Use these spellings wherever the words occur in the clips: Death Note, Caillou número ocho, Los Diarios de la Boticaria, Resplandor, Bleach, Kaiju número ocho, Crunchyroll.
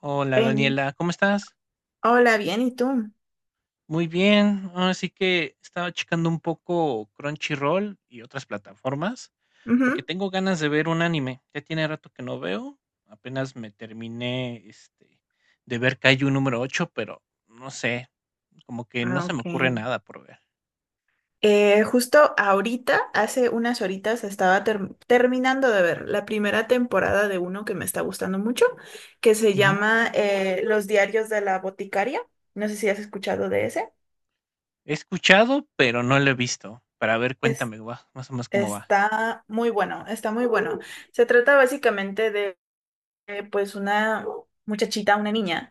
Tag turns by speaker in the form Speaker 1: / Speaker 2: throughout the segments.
Speaker 1: Hola
Speaker 2: Ven.
Speaker 1: Daniela, ¿cómo estás?
Speaker 2: Hola, bien, ¿y tú?
Speaker 1: Muy bien. Así que estaba checando un poco Crunchyroll y otras plataformas porque
Speaker 2: Ujú.
Speaker 1: tengo ganas de ver un anime. Ya tiene rato que no veo. Apenas me terminé este de ver Kaiju número 8, pero no sé, como que no
Speaker 2: Ah,
Speaker 1: se me
Speaker 2: ok.
Speaker 1: ocurre nada por ver.
Speaker 2: Justo ahorita, hace unas horitas, estaba terminando de ver la primera temporada de uno que me está gustando mucho, que se
Speaker 1: Ujú.
Speaker 2: llama Los Diarios de la Boticaria. No sé si has escuchado de ese.
Speaker 1: He escuchado, pero no lo he visto. Para ver,
Speaker 2: Es-
Speaker 1: cuéntame, más o menos cómo va.
Speaker 2: Está muy bueno, está muy bueno. Se trata básicamente de pues una muchachita, una niña,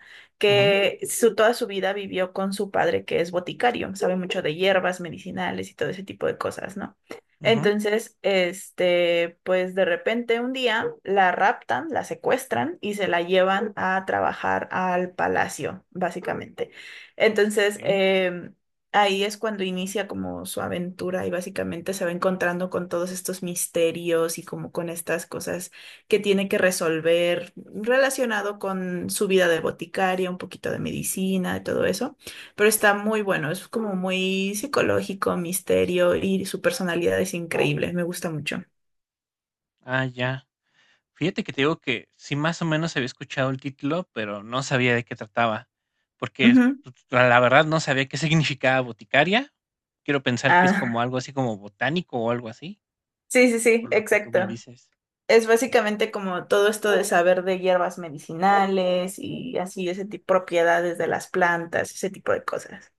Speaker 1: Ujú,
Speaker 2: que su, toda su vida vivió con su padre, que es boticario, sabe mucho de hierbas medicinales y todo ese tipo de cosas, ¿no?
Speaker 1: ujú,
Speaker 2: Entonces, este, pues de repente un día la raptan, la secuestran y se la llevan a trabajar al palacio, básicamente. Entonces,
Speaker 1: ok.
Speaker 2: ahí es cuando inicia como su aventura y básicamente se va encontrando con todos estos misterios y como con estas cosas que tiene que resolver relacionado con su vida de boticaria, un poquito de medicina, de todo eso. Pero está muy bueno, es como muy psicológico, misterio y su personalidad es increíble, me gusta mucho.
Speaker 1: Ah, ya. Fíjate que te digo que sí, más o menos había escuchado el título, pero no sabía de qué trataba, porque
Speaker 2: Ujú.
Speaker 1: pues, la verdad no sabía qué significaba boticaria. Quiero pensar que es
Speaker 2: Ah,
Speaker 1: como algo así como botánico o algo así,
Speaker 2: sí, sí, sí,
Speaker 1: por lo que tú me
Speaker 2: exacto.
Speaker 1: dices.
Speaker 2: Es básicamente como todo esto de saber de hierbas medicinales y así ese tipo propiedades de las plantas, ese tipo de cosas.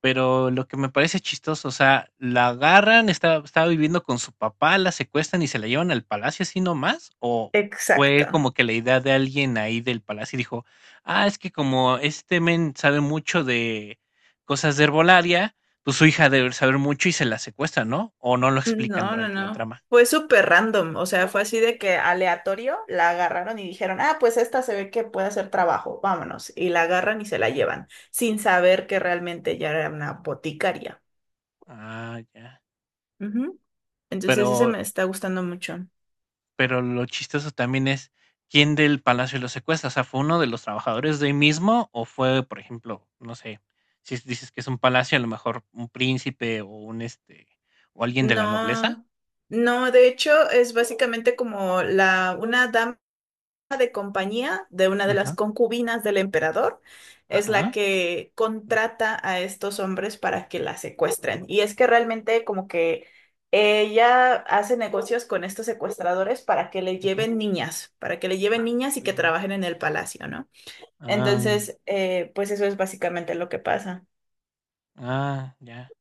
Speaker 1: Pero lo que me parece chistoso, o sea, la agarran, está, estaba viviendo con su papá, la secuestran y se la llevan al palacio así nomás, o fue
Speaker 2: Exacto.
Speaker 1: como que la idea de alguien ahí del palacio y dijo, ah, es que como este men sabe mucho de cosas de herbolaria, pues su hija debe saber mucho y se la secuestra, ¿no? O no lo explican
Speaker 2: No, no,
Speaker 1: durante la
Speaker 2: no.
Speaker 1: trama.
Speaker 2: Fue súper random, o sea, fue así de que aleatorio la agarraron y dijeron, ah, pues esta se ve que puede hacer trabajo, vámonos. Y la agarran y se la llevan, sin saber que realmente ya era una boticaria.
Speaker 1: Ah, ya.
Speaker 2: Ujú. Entonces ese
Speaker 1: Pero
Speaker 2: me está gustando mucho.
Speaker 1: Pero lo chistoso también es, ¿quién del palacio lo secuestra? O sea, ¿fue uno de los trabajadores de ahí mismo o fue, por ejemplo, no sé, si es- dices que es un palacio, a lo mejor un príncipe o un o alguien de la nobleza?
Speaker 2: No, no, de hecho es básicamente como la, una dama de compañía de una de las
Speaker 1: Ajá,
Speaker 2: concubinas del emperador, es la
Speaker 1: ajá,
Speaker 2: que
Speaker 1: la secue
Speaker 2: contrata a estos hombres para que la secuestren. Y es que realmente como que ella hace negocios con estos secuestradores para que le
Speaker 1: ujú,
Speaker 2: lleven niñas, para que le lleven
Speaker 1: ajá, ¿qué
Speaker 2: niñas y que
Speaker 1: tuvieron ahí?
Speaker 2: trabajen en el palacio, ¿no?
Speaker 1: Ah,
Speaker 2: Entonces, pues eso es básicamente lo que pasa.
Speaker 1: ah, ya.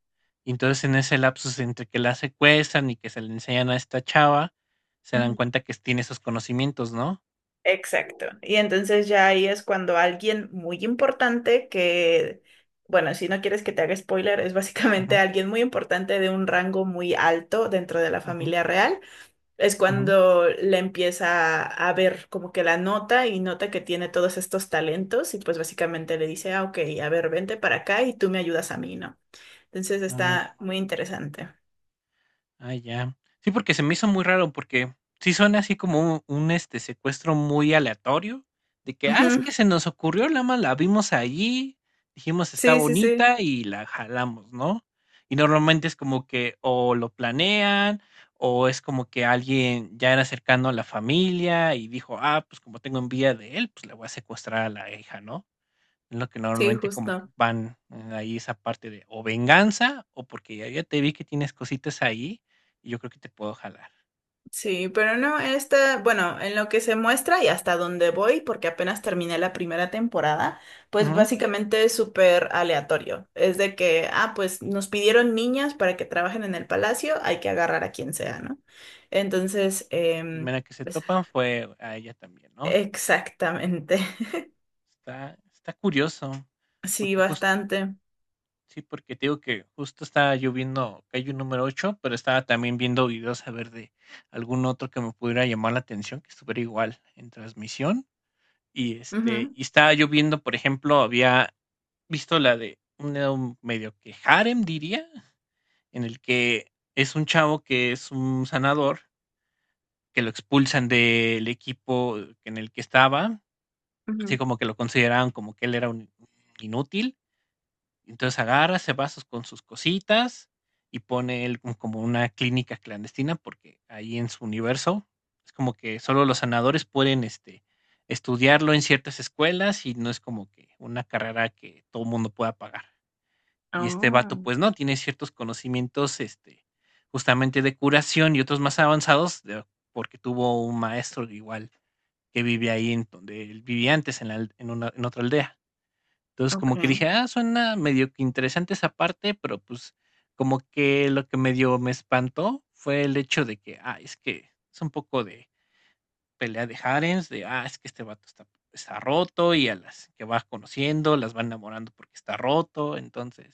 Speaker 1: Y entonces en ese lapsus entre que la secuestran y que se le enseñan a esta chava, se dan cuenta que tiene esos conocimientos, ¿no?
Speaker 2: Exacto. Y entonces ya ahí es cuando alguien muy importante que, bueno, si no quieres que te haga spoiler, es básicamente
Speaker 1: Ujú,
Speaker 2: alguien muy importante de un rango muy alto dentro de la
Speaker 1: ujú,
Speaker 2: familia real, es
Speaker 1: ujú.
Speaker 2: cuando le empieza a ver como que la nota y nota que tiene todos estos talentos y pues básicamente le dice, ah, ok, a ver, vente para acá y tú me ayudas a mí, ¿no? Entonces está
Speaker 1: Ah.
Speaker 2: muy interesante.
Speaker 1: Ah, ya. Sí, porque se me hizo muy raro, porque sí suena así como un este secuestro muy aleatorio, de que, ah, es
Speaker 2: Ujú.
Speaker 1: que se nos ocurrió, la más la vimos allí, dijimos está
Speaker 2: Sí, sí, sí,
Speaker 1: bonita y la jalamos, ¿no? Y normalmente es como que o lo planean, o es como que alguien ya era cercano a la familia y dijo, ah, pues como tengo envidia de él, pues le voy a secuestrar a la hija, ¿no? Es lo que
Speaker 2: sí,
Speaker 1: normalmente como que
Speaker 2: justo.
Speaker 1: van, ahí esa parte de o venganza o porque ya te vi que tienes cositas ahí y yo creo que te puedo jalar.
Speaker 2: Sí, pero no, esta, bueno, en lo que se muestra y hasta donde voy, porque apenas terminé la primera temporada, pues
Speaker 1: Ujú.
Speaker 2: básicamente es súper aleatorio. Es de que, ah, pues nos pidieron niñas para que trabajen en el palacio, hay que agarrar a quien sea, ¿no? Entonces,
Speaker 1: La primera que se
Speaker 2: pues,
Speaker 1: topan fue a ella también, ¿no?
Speaker 2: exactamente.
Speaker 1: Está curioso,
Speaker 2: Sí,
Speaker 1: porque jus
Speaker 2: bastante.
Speaker 1: sí, porque te digo que justo estaba yo viendo Kaiju número 8 pero estaba también viendo videos a ver de algún otro que me pudiera llamar la atención, que estuviera igual en transmisión. Y, este,
Speaker 2: Ujú,
Speaker 1: y estaba yo viendo, por ejemplo, había visto la de un medio que harem diría, en el que es un chavo que es un sanador, que lo expulsan del equipo en el que estaba, así
Speaker 2: ujú.
Speaker 1: como que lo consideraban como que él era un inútil. Entonces agarra, se va con sus cositas y pone él como una clínica clandestina, porque ahí en su universo es como que solo los sanadores pueden estudiarlo en ciertas escuelas y no es como que una carrera que todo el mundo pueda pagar. Y este vato,
Speaker 2: Oh,
Speaker 1: pues no, tiene ciertos conocimientos, justamente de curación y otros más avanzados, porque tuvo un maestro igual que vive ahí en donde él vivía antes, en, la al- en, una, en otra aldea. Entonces como que
Speaker 2: ok.
Speaker 1: dije, ah, suena medio que interesante esa parte, pero pues como que lo que medio me espantó fue el hecho de que, ah, es que es un poco de pelea de harems, de, ah, es que este vato está, está roto y a las que vas conociendo las van enamorando porque está roto. Entonces,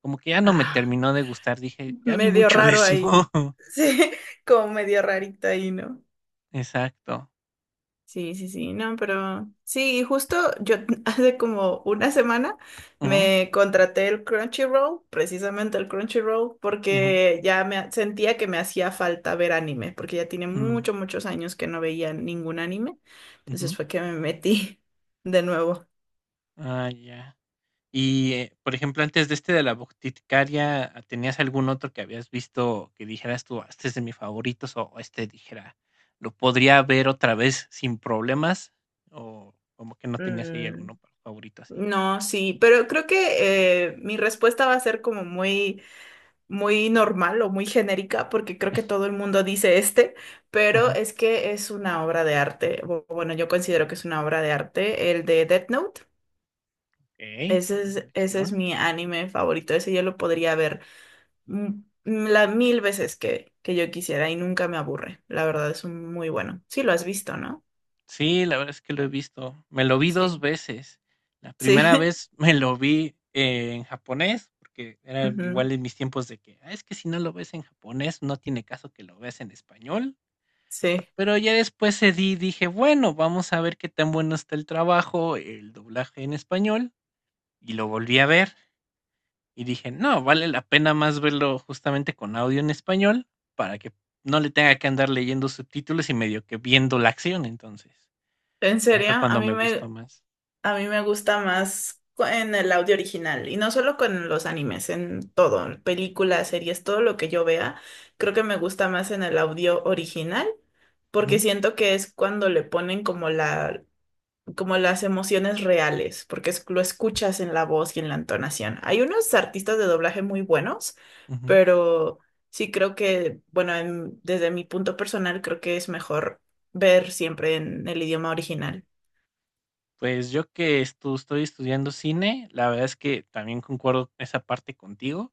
Speaker 1: como que ya no me
Speaker 2: Ah,
Speaker 1: terminó de gustar, dije, ya vi
Speaker 2: medio
Speaker 1: mucho de
Speaker 2: raro
Speaker 1: eso.
Speaker 2: ahí. Sí, como medio rarito ahí, ¿no?
Speaker 1: Exacto.
Speaker 2: Sí, sí, sí, no, pero sí, y justo yo hace como una semana
Speaker 1: Ujú,
Speaker 2: me contraté el Crunchyroll, precisamente el Crunchyroll,
Speaker 1: ujú,
Speaker 2: porque ya me sentía que me hacía falta ver anime, porque ya tiene
Speaker 1: mm,
Speaker 2: muchos, muchos años que no veía ningún anime,
Speaker 1: ujú.
Speaker 2: entonces fue que me metí de nuevo.
Speaker 1: Ah, ya. Por ejemplo, antes de este de la boticaria, ¿tenías algún otro que habías visto que dijeras tú, "Ah, este es de mis favoritos o este dijera, lo podría ver otra vez sin problemas? ¿O como que no tenías ahí
Speaker 2: Mm,
Speaker 1: alguno favorito así?
Speaker 2: no, sí, pero creo que mi respuesta va a ser como muy muy normal o muy genérica, porque creo que todo el mundo dice este, pero
Speaker 1: Ujú.
Speaker 2: es que es una obra de arte. Bueno, yo considero que es una obra de arte, el de Death Note.
Speaker 1: Okey, buena
Speaker 2: Ese es
Speaker 1: elección.
Speaker 2: mi anime favorito. Ese yo lo podría ver mm, la mil veces que yo quisiera y nunca me aburre. La verdad es un muy bueno. Sí, lo has visto, ¿no?
Speaker 1: Sí, la verdad es que lo he visto. Me lo vi 2
Speaker 2: Sí.
Speaker 1: veces. La
Speaker 2: Sí.
Speaker 1: primera vez me lo vi en japonés, porque era
Speaker 2: Ujú.
Speaker 1: igual en mis tiempos de que: "Ah, es que si no lo ves en japonés, no tiene caso que lo veas en español".
Speaker 2: Sí.
Speaker 1: Pero ya después cedí y dije: "Bueno, vamos a ver qué tan bueno está el trabajo, el doblaje en español", y lo volví a ver. Y dije: "No, vale la pena más verlo justamente con audio en español, para que no le tenga que andar leyendo subtítulos y medio que viendo la acción", entonces,
Speaker 2: ¿En
Speaker 1: ya
Speaker 2: serio?
Speaker 1: fue cuando me gustó más.
Speaker 2: A mí me gusta más en el audio original y no solo con los animes, en todo, películas, series, todo lo que yo vea, creo que me gusta más en el audio original porque
Speaker 1: Ujú,
Speaker 2: siento que es cuando le ponen como la, como las emociones reales, porque lo escuchas en la voz y en la entonación. Hay unos artistas de doblaje muy buenos,
Speaker 1: ujú.
Speaker 2: pero sí creo que, bueno, desde mi punto personal creo que es mejor ver siempre en el idioma original.
Speaker 1: Pues yo que estu estoy estudiando cine, la verdad es que también concuerdo esa parte contigo,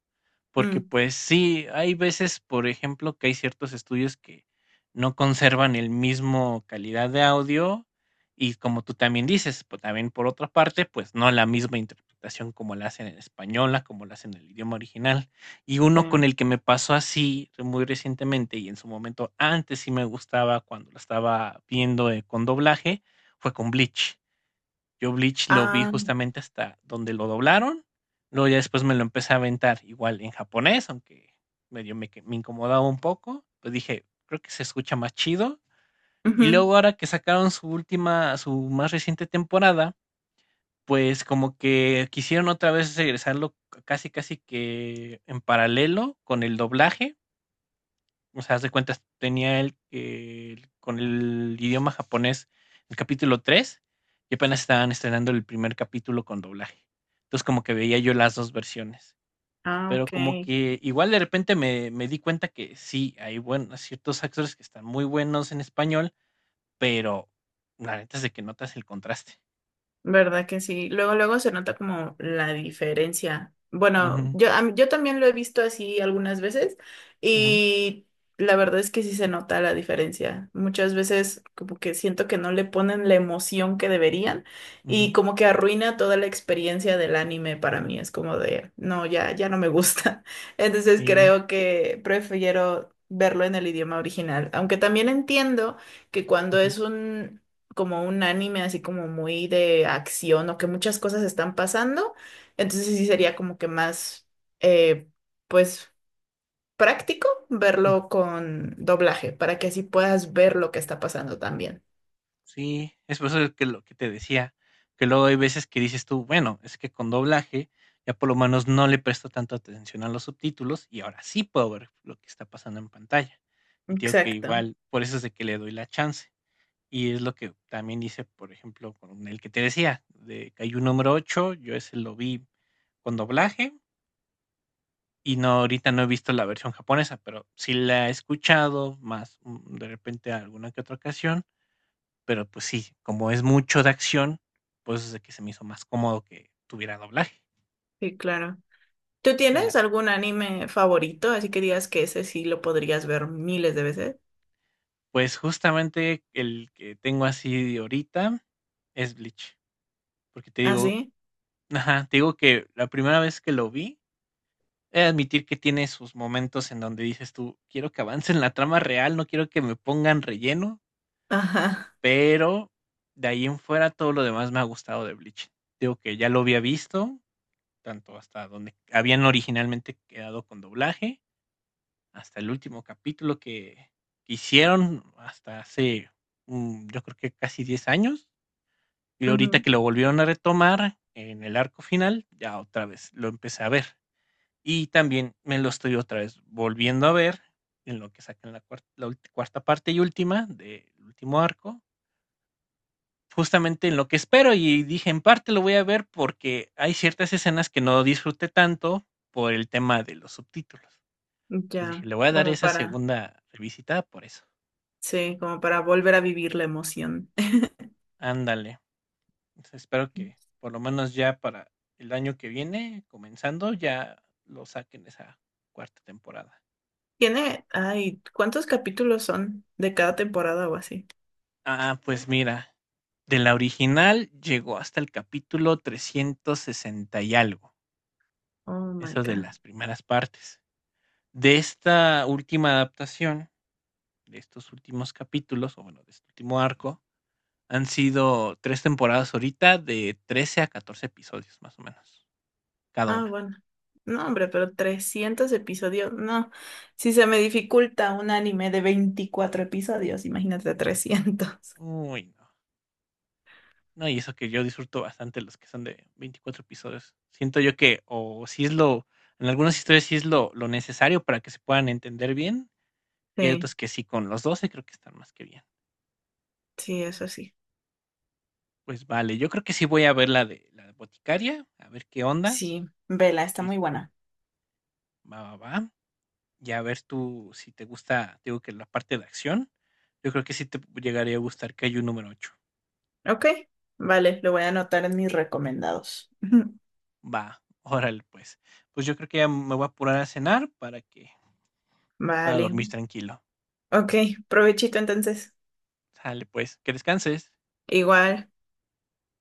Speaker 1: porque,
Speaker 2: Mm,
Speaker 1: pues sí, hay veces, por ejemplo, que hay ciertos estudios que no conservan el mismo calidad de audio y como tú también dices, pues también por otra parte, pues no la misma interpretación como la hacen en española, como la hacen en el idioma original. Y uno con
Speaker 2: sí.
Speaker 1: el que me pasó así muy recientemente y en su momento antes sí me gustaba cuando la estaba viendo, con doblaje, fue con Bleach. Yo Bleach lo vi
Speaker 2: Ah.
Speaker 1: justamente hasta donde lo doblaron. Luego ya después me lo empecé a aventar igual en japonés, aunque medio me incomodaba un poco. Pues dije, creo que se escucha más chido. Y
Speaker 2: Ujú.
Speaker 1: luego ahora que sacaron su última, su más reciente temporada, pues como que quisieron otra vez regresarlo casi casi que en paralelo con el doblaje, o sea, haz de cuentas, tenía el con el idioma japonés el capítulo 3 y apenas estaban estrenando el primer capítulo con doblaje. Entonces como que veía yo las dos versiones.
Speaker 2: Ah,
Speaker 1: Pero como
Speaker 2: ok.
Speaker 1: que igual de repente me di cuenta que sí, hay buenos, ciertos actores que están muy buenos en español, pero la neta es de que notas el contraste.
Speaker 2: ¿Verdad que sí? Luego, luego se nota como la diferencia. Bueno,
Speaker 1: Ujú,
Speaker 2: yo, yo también lo he visto así algunas veces
Speaker 1: ujú,
Speaker 2: y la verdad es que sí se nota la diferencia. Muchas veces como que siento que no le ponen la emoción que deberían y
Speaker 1: ujú,
Speaker 2: como que arruina toda la experiencia del anime para mí. Es como de, no, ya, ya no me gusta. Entonces
Speaker 1: sí.
Speaker 2: creo que prefiero verlo en el idioma original, aunque también entiendo que
Speaker 1: Ujú,
Speaker 2: cuando
Speaker 1: ujú.
Speaker 2: es un como un anime así como muy de acción o que muchas cosas están pasando, entonces sí sería como que más, eh, pues, práctico verlo con doblaje para que así puedas ver lo que está pasando también.
Speaker 1: Sí, es por eso que lo que te decía, que luego hay veces que dices tú, bueno, es que con doblaje ya por lo menos no le presto tanto atención a los subtítulos y ahora sí puedo ver lo que está pasando en pantalla. Y te digo que
Speaker 2: Exacto,
Speaker 1: igual, por eso es de que le doy la chance. Y es lo que también hice, por ejemplo, con el que te decía, de Caillou número 8, yo ese lo vi con doblaje y no ahorita no he visto la versión japonesa, pero sí la he escuchado más de repente alguna que otra ocasión, pero, pues sí, como es mucho de acción, pues es de que se me hizo más cómodo que tuviera doblaje.
Speaker 2: sí, claro. ¿Tú
Speaker 1: Y la
Speaker 2: tienes algún anime favorito? Así que digas que ese sí lo podrías ver miles de veces.
Speaker 1: Pues, justamente el que tengo así de ahorita es Bleach, porque te
Speaker 2: ¿Ah,
Speaker 1: digo,
Speaker 2: sí?
Speaker 1: ajá, te digo que la primera vez que lo vi, he de admitir que tiene sus momentos en donde dices tú: "Quiero que avancen la trama real, no quiero que me pongan relleno",
Speaker 2: Ajá.
Speaker 1: pero de ahí en fuera todo lo demás me ha gustado de Bleach. Te digo que ya lo había visto, tanto hasta donde habían originalmente quedado con doblaje, hasta el último capítulo que hicieron hasta hace, yo creo que casi 10 años, y ahorita
Speaker 2: Ujú.
Speaker 1: que lo volvieron a retomar en el arco final, ya otra vez lo empecé a ver. Y también me lo estoy otra vez volviendo a ver en lo que sacan la cuarta parte y última del último arco, justamente en lo que espero y dije, en parte lo voy a ver porque hay ciertas escenas que no disfruté tanto por el tema de los subtítulos. Entonces dije,
Speaker 2: Ya,
Speaker 1: le voy a dar
Speaker 2: como
Speaker 1: esa
Speaker 2: para,
Speaker 1: segunda revisitada por eso.
Speaker 2: sí, como para volver a vivir la emoción.
Speaker 1: Ándale. Pues espero que por lo menos ya para el año que viene, comenzando, ya lo saquen esa cuarta temporada.
Speaker 2: Tiene, ay, ¿cuántos capítulos son de cada temporada o así?
Speaker 1: Ah, pues mira, de la original llegó hasta el capítulo 360 y algo,
Speaker 2: Oh my
Speaker 1: eso de
Speaker 2: God.
Speaker 1: las primeras partes. De esta última adaptación, de estos últimos capítulos, o bueno, de este último arco, han sido tres temporadas ahorita de 13 a 14 episodios más o menos, cada
Speaker 2: Ah,
Speaker 1: una.
Speaker 2: bueno. No, hombre, pero 300 episodios. No, si se me dificulta un anime de 24 episodios, imagínate 300
Speaker 1: Uy, no. No, y eso que yo disfruto bastante los que son de 24 episodios. Siento yo que, o si es lo, en algunas historias sí es lo necesario para que se puedan entender bien, y hay
Speaker 2: Sí,
Speaker 1: otras que sí, con los 12 creo que están más que bien.
Speaker 2: sí, eso sí.
Speaker 1: Pues vale, yo creo que sí voy a ver la de boticaria, a ver qué onda,
Speaker 2: Sí, vela, está
Speaker 1: que
Speaker 2: muy buena.
Speaker 1: va, va, va, y a ver tú si te gusta, digo que la parte de acción, yo creo que sí te llegaría a gustar que hay un número 8.
Speaker 2: Ok, vale, lo voy a anotar en mis recomendados.
Speaker 1: Va, órale pues. Pues yo creo que ya me voy a apurar a cenar para que pueda
Speaker 2: Vale.
Speaker 1: dormir tranquilo.
Speaker 2: Ok, provechito entonces.
Speaker 1: Sale pues, que descanses.
Speaker 2: Igual.